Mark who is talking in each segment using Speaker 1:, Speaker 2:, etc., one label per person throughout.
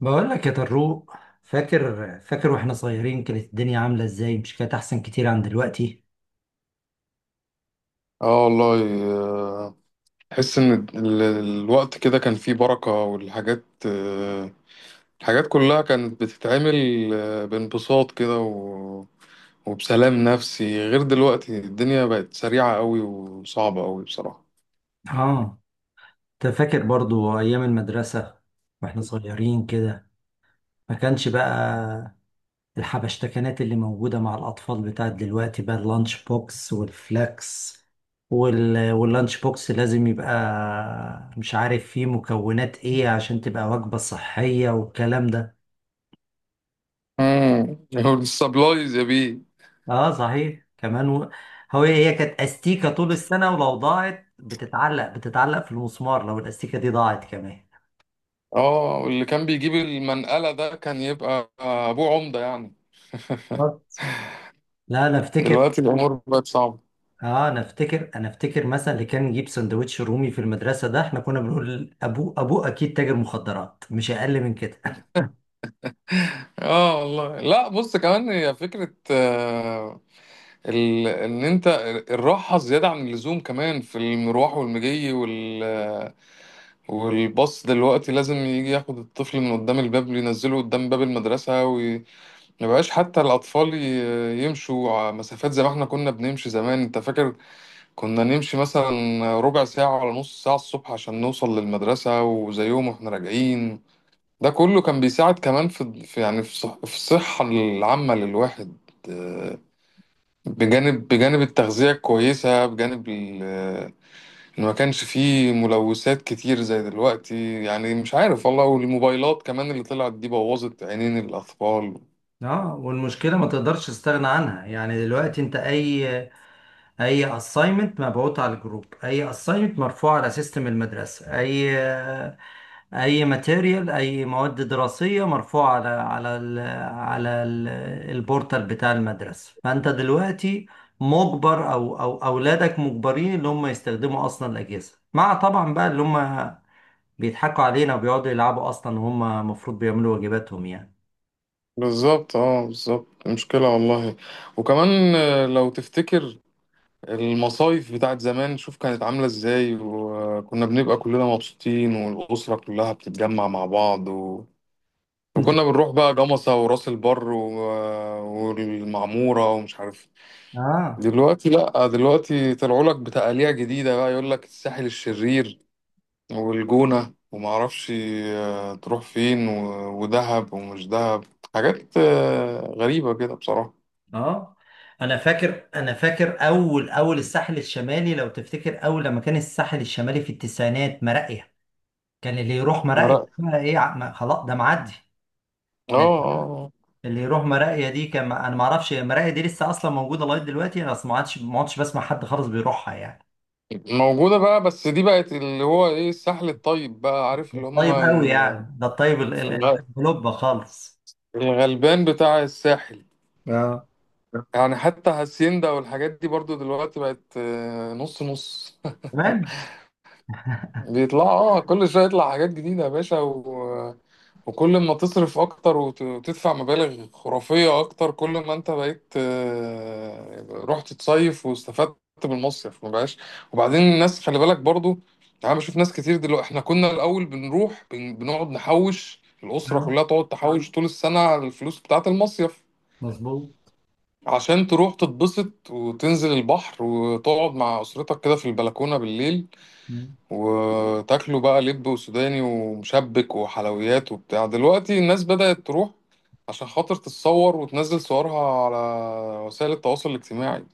Speaker 1: بقول لك يا طروق. فاكر واحنا صغيرين كانت الدنيا عاملة ازاي؟ مش كانت احسن كتير عن دلوقتي؟
Speaker 2: اه والله، آه، تحس ان الوقت كده كان فيه بركة، والحاجات، الحاجات كلها كانت بتتعمل بانبساط كده وبسلام نفسي، غير دلوقتي الدنيا بقت سريعة قوي وصعبة قوي بصراحة.
Speaker 1: اه، انت فاكر برضو ايام المدرسة واحنا صغيرين كده؟ ما كانش بقى الحبشتكنات اللي موجودة مع الاطفال بتاعت دلوقتي، بقى اللانش بوكس والفلاكس وال... واللانش بوكس لازم يبقى مش عارف فيه مكونات ايه عشان تبقى وجبة صحية والكلام ده.
Speaker 2: امم السبلايز يا بيه.
Speaker 1: اه صحيح كمان و... هي كانت استيكه طول السنه، ولو ضاعت بتتعلق في المسمار، لو الاستيكه دي ضاعت كمان.
Speaker 2: اه، واللي كان بيجيب المنقلة ده كان يبقى ابوه عمدة يعني.
Speaker 1: بالظبط. لا انا افتكر.
Speaker 2: دلوقتي الامور بقت صعبة.
Speaker 1: اه، انا افتكر انا افتكر مثلا اللي كان يجيب سندوتش رومي في المدرسه ده، احنا كنا بنقول ابوه اكيد تاجر مخدرات، مش اقل من كده.
Speaker 2: اه والله، لا بص، كمان هي فكرة ان انت الراحه زياده عن اللزوم، كمان في المروح والمجي، والباص دلوقتي لازم يجي ياخد الطفل من قدام الباب، ينزله قدام باب المدرسه، وما بقاش حتى الاطفال يمشوا مسافات زي ما احنا كنا بنمشي زمان. انت فاكر كنا نمشي مثلا ربع ساعه ولا نص ساعه الصبح عشان نوصل للمدرسه، وزيهم واحنا راجعين. ده كله كان بيساعد كمان في يعني في الصحه العامه للواحد، بجانب التغذية كويسة، بجانب إن ما كانش فيه ملوثات كتير زي دلوقتي. يعني مش عارف والله، والموبايلات كمان اللي طلعت دي بوظت عينين الأطفال.
Speaker 1: اه، والمشكله ما تقدرش تستغنى عنها يعني. دلوقتي انت اي اساينمنت مبعوت على الجروب، اي اساينمنت مرفوع على سيستم المدرسه، اي ماتيريال، اي مواد دراسيه مرفوعه على على ال على ال البورتال بتاع المدرسه. فانت دلوقتي مجبر، او اولادك مجبرين ان هم يستخدموا اصلا الاجهزه، مع طبعا بقى اللي هم بيضحكوا علينا وبيقعدوا يلعبوا اصلا، هم المفروض بيعملوا واجباتهم يعني.
Speaker 2: بالظبط، اه، بالظبط مشكلة والله. وكمان لو تفتكر المصايف بتاعت زمان، شوف كانت عاملة ازاي، وكنا بنبقى كلنا مبسوطين، والأسرة كلها بتتجمع مع بعض،
Speaker 1: انت
Speaker 2: وكنا بنروح بقى جمصة وراس البر والمعمورة ومش عارف.
Speaker 1: اه.
Speaker 2: دلوقتي لا، دلوقتي طلعوا لك بتقاليع جديدة بقى، يقول لك الساحل الشرير والجونة وما اعرفش تروح فين ودهب ومش دهب. حاجات غريبة كده بصراحة.
Speaker 1: اه، انا فاكر اول الساحل الشمالي لو تفتكر، اول لما كان الساحل الشمالي في التسعينات مراقيه، كان اللي يروح
Speaker 2: لا،
Speaker 1: مراقيه
Speaker 2: اه،
Speaker 1: بقى ايه؟ خلاص ده معدي. ده
Speaker 2: اه،
Speaker 1: اللي يروح مراقيا دي كان. انا ما اعرفش مراقيا دي لسه اصلا موجوده لغايه دلوقتي، انا أصلاً ما عادش بسمع حد خالص بيروحها يعني.
Speaker 2: آه. موجودة بقى، بس دي بقت اللي هو ايه، الساحل الطيب بقى، عارف اللي هم
Speaker 1: طيب قوي يعني، ده الطيب
Speaker 2: الغ-
Speaker 1: القلوب خالص.
Speaker 2: الغلبان بتاع الساحل.
Speaker 1: اه،
Speaker 2: يعني حتى هاسيندا والحاجات دي برضو دلوقتي بقت نص نص.
Speaker 1: تمام.
Speaker 2: بيطلع، اه، كل شويه يطلع حاجات جديده يا باشا، و... وكل ما تصرف اكتر وتدفع مبالغ خرافيه اكتر، كل ما انت بقيت رحت تصيف واستفدت بالمصيف ما بقاش. وبعدين الناس خلي بالك برضو، انا بشوف ناس كتير دلوقتي، احنا كنا الاول بنروح بنقعد نحوش، الاسره
Speaker 1: آه،
Speaker 2: كلها تقعد تحوش طول السنه على الفلوس بتاعه المصيف،
Speaker 1: مظبوط.
Speaker 2: عشان تروح تتبسط وتنزل البحر وتقعد مع اسرتك كده في البلكونه بالليل،
Speaker 1: مم.
Speaker 2: وتاكلوا بقى لب وسوداني ومشبك وحلويات وبتاع. دلوقتي الناس بدأت تروح عشان خاطر تتصور وتنزل صورها على وسائل التواصل الاجتماعي.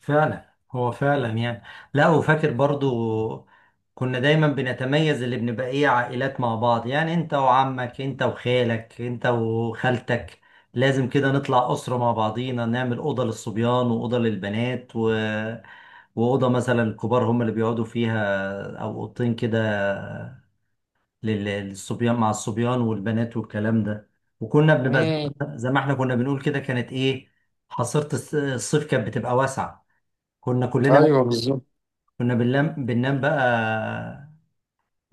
Speaker 1: فعلا، هو فعلا يعني. لا، وفاكر برضو كنا دايما بنتميز اللي بنبقى ايه، عائلات مع بعض. يعني انت وعمك، انت وخالك، انت وخالتك لازم كده نطلع أسرة مع بعضينا، نعمل أوضة للصبيان وأوضة للبنات و... وأوضة مثلا الكبار هم اللي بيقعدوا فيها، أو أوضتين كده للصبيان مع الصبيان والبنات، والكلام ده. وكنا بنبقى زي
Speaker 2: امم
Speaker 1: زي ما احنا كنا بنقول كده، كانت إيه، حصيرة الصيف كانت بتبقى واسعة. كنا كلنا
Speaker 2: ايوه
Speaker 1: بقى
Speaker 2: بالظبط.
Speaker 1: كنا بننام بقى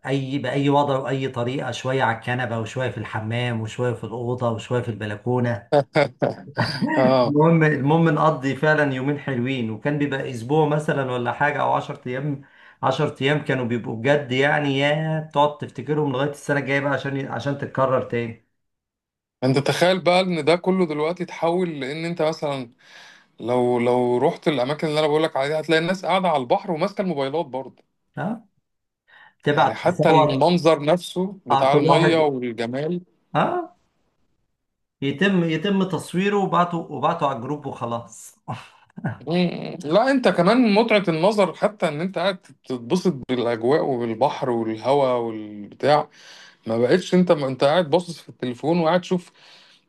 Speaker 1: أي بأي وضع وأي طريقة، شوية على الكنبة وشوية في الحمام وشوية في الأوضة وشوية في البلكونة.
Speaker 2: اه،
Speaker 1: المهم نقضي فعلا يومين حلوين، وكان بيبقى اسبوع مثلا ولا حاجه او 10 ايام. 10 ايام كانوا بيبقوا بجد يعني، يا تقعد تفتكرهم لغايه السنه الجايه بقى عشان تتكرر تاني.
Speaker 2: انت تخيل بقى ان ده كله دلوقتي اتحول، لان انت مثلا لو لو رحت الاماكن اللي انا بقولك عليها، هتلاقي الناس قاعده على البحر وماسكه الموبايلات برضه.
Speaker 1: ها،
Speaker 2: يعني
Speaker 1: تبعت
Speaker 2: حتى
Speaker 1: تصور.
Speaker 2: المنظر نفسه
Speaker 1: اه،
Speaker 2: بتاع
Speaker 1: كل
Speaker 2: الميه
Speaker 1: واحد
Speaker 2: والجمال.
Speaker 1: اه يتم تصويره وبعته على الجروب وخلاص.
Speaker 2: مم. لا، انت كمان متعة النظر حتى ان انت قاعد تتبسط بالاجواء والبحر والهواء والبتاع، ما بقتش. انت ما انت قاعد باصص في التليفون وقاعد تشوف.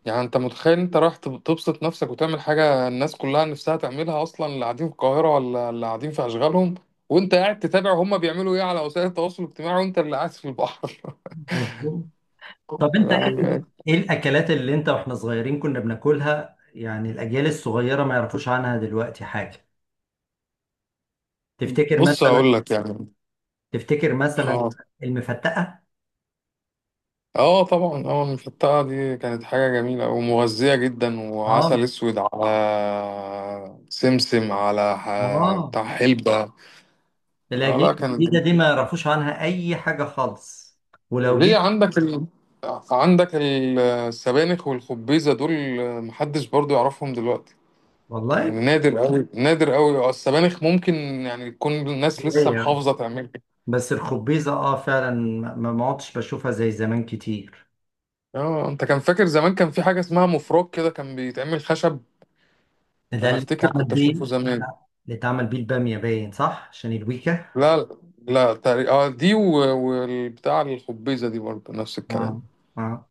Speaker 2: يعني انت متخيل انت رايح تبسط نفسك وتعمل حاجة الناس كلها نفسها تعملها اصلا، اللي قاعدين في القاهرة ولا اللي قاعدين في اشغالهم، وانت قاعد تتابع هما بيعملوا ايه على وسائل التواصل الاجتماعي وانت اللي قاعد في البحر.
Speaker 1: مظبوط. طب انت ايه،
Speaker 2: يعني.
Speaker 1: ايه الاكلات اللي انت واحنا صغيرين كنا بناكلها يعني الاجيال الصغيره ما يعرفوش عنها دلوقتي حاجه؟ تفتكر
Speaker 2: بص
Speaker 1: مثلا؟
Speaker 2: اقول لك يعني.
Speaker 1: تفتكر مثلا
Speaker 2: اه،
Speaker 1: المفتقه.
Speaker 2: اه، طبعا، اه، المفتقة دي كانت حاجة جميلة ومغذية جدا،
Speaker 1: اه،
Speaker 2: وعسل اسود على سمسم على
Speaker 1: اه،
Speaker 2: بتاع حلبة. اه، لا
Speaker 1: الاجيال
Speaker 2: كانت
Speaker 1: الجديده
Speaker 2: جميلة.
Speaker 1: دي ما يعرفوش عنها اي حاجه خالص. ولو
Speaker 2: ليه
Speaker 1: جيت،
Speaker 2: عندك السبانخ والخبيزة دول، محدش برضو يعرفهم دلوقتي.
Speaker 1: والله.
Speaker 2: يعني نادر قوي نادر قوي. اه، السبانخ ممكن يعني تكون الناس لسه
Speaker 1: هي.
Speaker 2: محافظة تعملها.
Speaker 1: بس الخبيزه اه فعلا ما عدتش بشوفها زي زمان كتير.
Speaker 2: اه، انت كان فاكر زمان كان في حاجة اسمها مفرك كده، كان بيتعمل خشب.
Speaker 1: ده
Speaker 2: انا
Speaker 1: اللي
Speaker 2: افتكر
Speaker 1: اتعمل
Speaker 2: كنت
Speaker 1: بيه.
Speaker 2: اشوفه زمان.
Speaker 1: اللي اتعمل بيه الباميه باين، صح؟ عشان الويكا.
Speaker 2: لا، لا، تقريبا اه دي والبتاع، الخبيزة دي برضه نفس الكلام،
Speaker 1: اه، اه،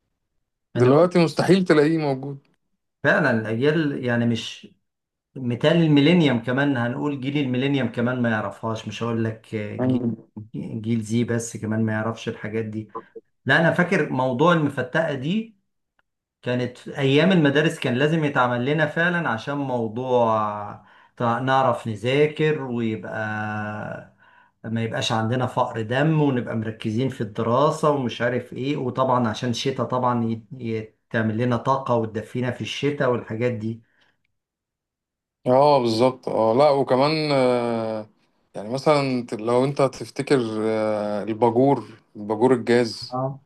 Speaker 1: انا بقول
Speaker 2: دلوقتي مستحيل تلاقيه موجود.
Speaker 1: فعلا الاجيال يعني مش مثال الميلينيوم كمان، هنقول جيل الميلينيوم كمان ما يعرفهاش. مش هقول لك جيل
Speaker 2: مم.
Speaker 1: جيل زي، بس كمان ما يعرفش الحاجات دي. لا انا فاكر موضوع المفتقه دي، كانت في أيام المدارس كان لازم يتعمل لنا فعلا عشان موضوع نعرف نذاكر، ويبقى ما يبقاش عندنا فقر دم، ونبقى مركزين في الدراسة ومش عارف ايه. وطبعا عشان الشتاء، طبعا تعمل لنا طاقة وتدفينا في الشتاء والحاجات دي.
Speaker 2: اه بالظبط، اه لا، وكمان يعني مثلا لو انت تفتكر الباجور الجاز
Speaker 1: اه،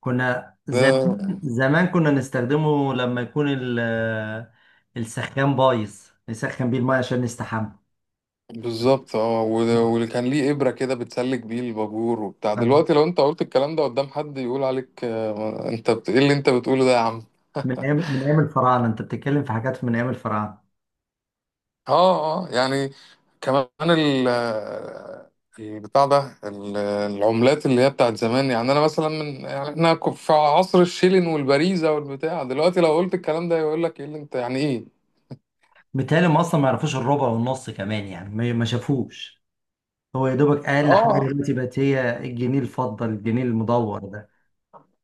Speaker 1: كنا زمان
Speaker 2: ده.
Speaker 1: زمان كنا نستخدمه لما يكون السخان بايظ، نسخن بيه الماء عشان نستحمى.
Speaker 2: بالظبط، اه، واللي كان ليه إبرة كده بتسلك بيه الباجور وبتاع، دلوقتي لو انت قلت الكلام ده قدام حد، يقول عليك آه، انت ايه اللي انت بتقوله ده يا عم.
Speaker 1: من ايام الفراعنه، انت بتتكلم في حاجات من ايام الفراعنه.
Speaker 2: اه، اه، يعني كمان البتاع ده العملات اللي هي بتاعت زمان. يعني انا مثلا من، يعني احنا في عصر الشيلين والبريزة والبتاع، دلوقتي لو قلت الكلام ده يقول لك ايه اللي انت، يعني ايه؟
Speaker 1: متهيألي هم اصلا ما يعرفوش الربع والنص كمان يعني، ما شافوش. هو يا دوبك اقل حاجه
Speaker 2: اه
Speaker 1: دلوقتي بقت هي الجنيه الفضه، الجنيه المدور ده.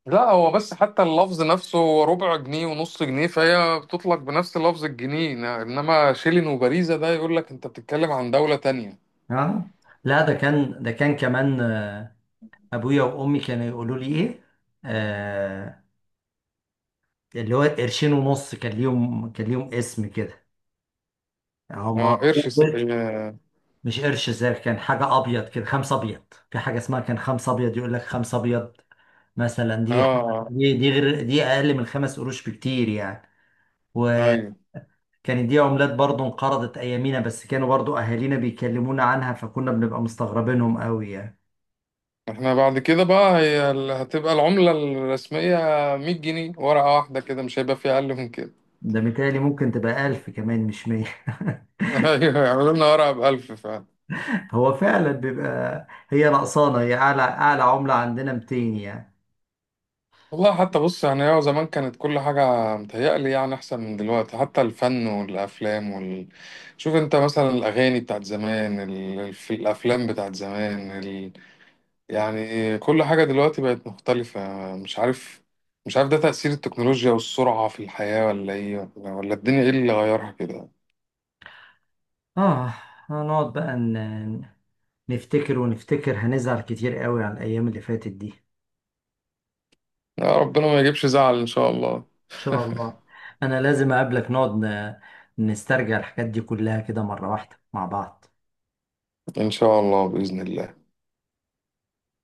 Speaker 2: لا، هو بس حتى اللفظ نفسه، هو ربع جنيه ونص جنيه، فهي بتطلق بنفس لفظ الجنيه، انما شيلين وبريزة ده يقول لك انت بتتكلم عن دولة تانية.
Speaker 1: ها، لا، ده كان كمان آه، ابويا وامي كانوا يقولوا لي ايه، آه، اللي هو قرشين ونص، كان ليهم اسم كده هما.
Speaker 2: اه، قرش اه،
Speaker 1: مش قرش زي، كان حاجه ابيض كده، خمسه ابيض. في حاجه اسمها كان خمسه ابيض، يقول لك خمسه ابيض مثلا.
Speaker 2: آه،
Speaker 1: دي حاجة
Speaker 2: آه،
Speaker 1: دي غير دي، اقل من خمس قروش بكتير يعني. وكانت
Speaker 2: ايوه.
Speaker 1: دي عملات برضو انقرضت ايامينا، بس كانوا برضو اهالينا بيكلمونا عنها، فكنا بنبقى مستغربينهم قوي يعني.
Speaker 2: احنا بعد كده بقى، هي هتبقى العملة الرسمية 100 جنيه ورقة واحدة كده، مش هيبقى في أقل من كده.
Speaker 1: ده متهيألي ممكن تبقى ألف كمان، مش مية.
Speaker 2: أيوة يعملوا لنا ورقة بألف فعلا.
Speaker 1: هو فعلا بيبقى هي نقصانة، هي أعلى أعلى عملة عندنا 200 يعني.
Speaker 2: والله، حتى بص، يعني هو زمان كانت كل حاجة متهيألي يعني أحسن من دلوقتي، حتى الفن والأفلام شوف أنت مثلا الأغاني بتاعت زمان، الأفلام بتاعت زمان يعني كل حاجة دلوقتي بقت مختلفة. مش عارف، ده تأثير التكنولوجيا والسرعة في الحياة ولا إيه، ولا الدنيا إيه اللي غيرها كده.
Speaker 1: آه، هنقعد بقى نفتكر ونفتكر، هنزعل كتير قوي على الأيام اللي فاتت دي.
Speaker 2: يا ربنا ما يجيبش زعل إن شاء الله.
Speaker 1: شاء الله. انا لازم اقابلك نقعد نسترجع الحاجات دي كلها كده مرة واحدة مع بعض.
Speaker 2: إن شاء الله بإذن الله.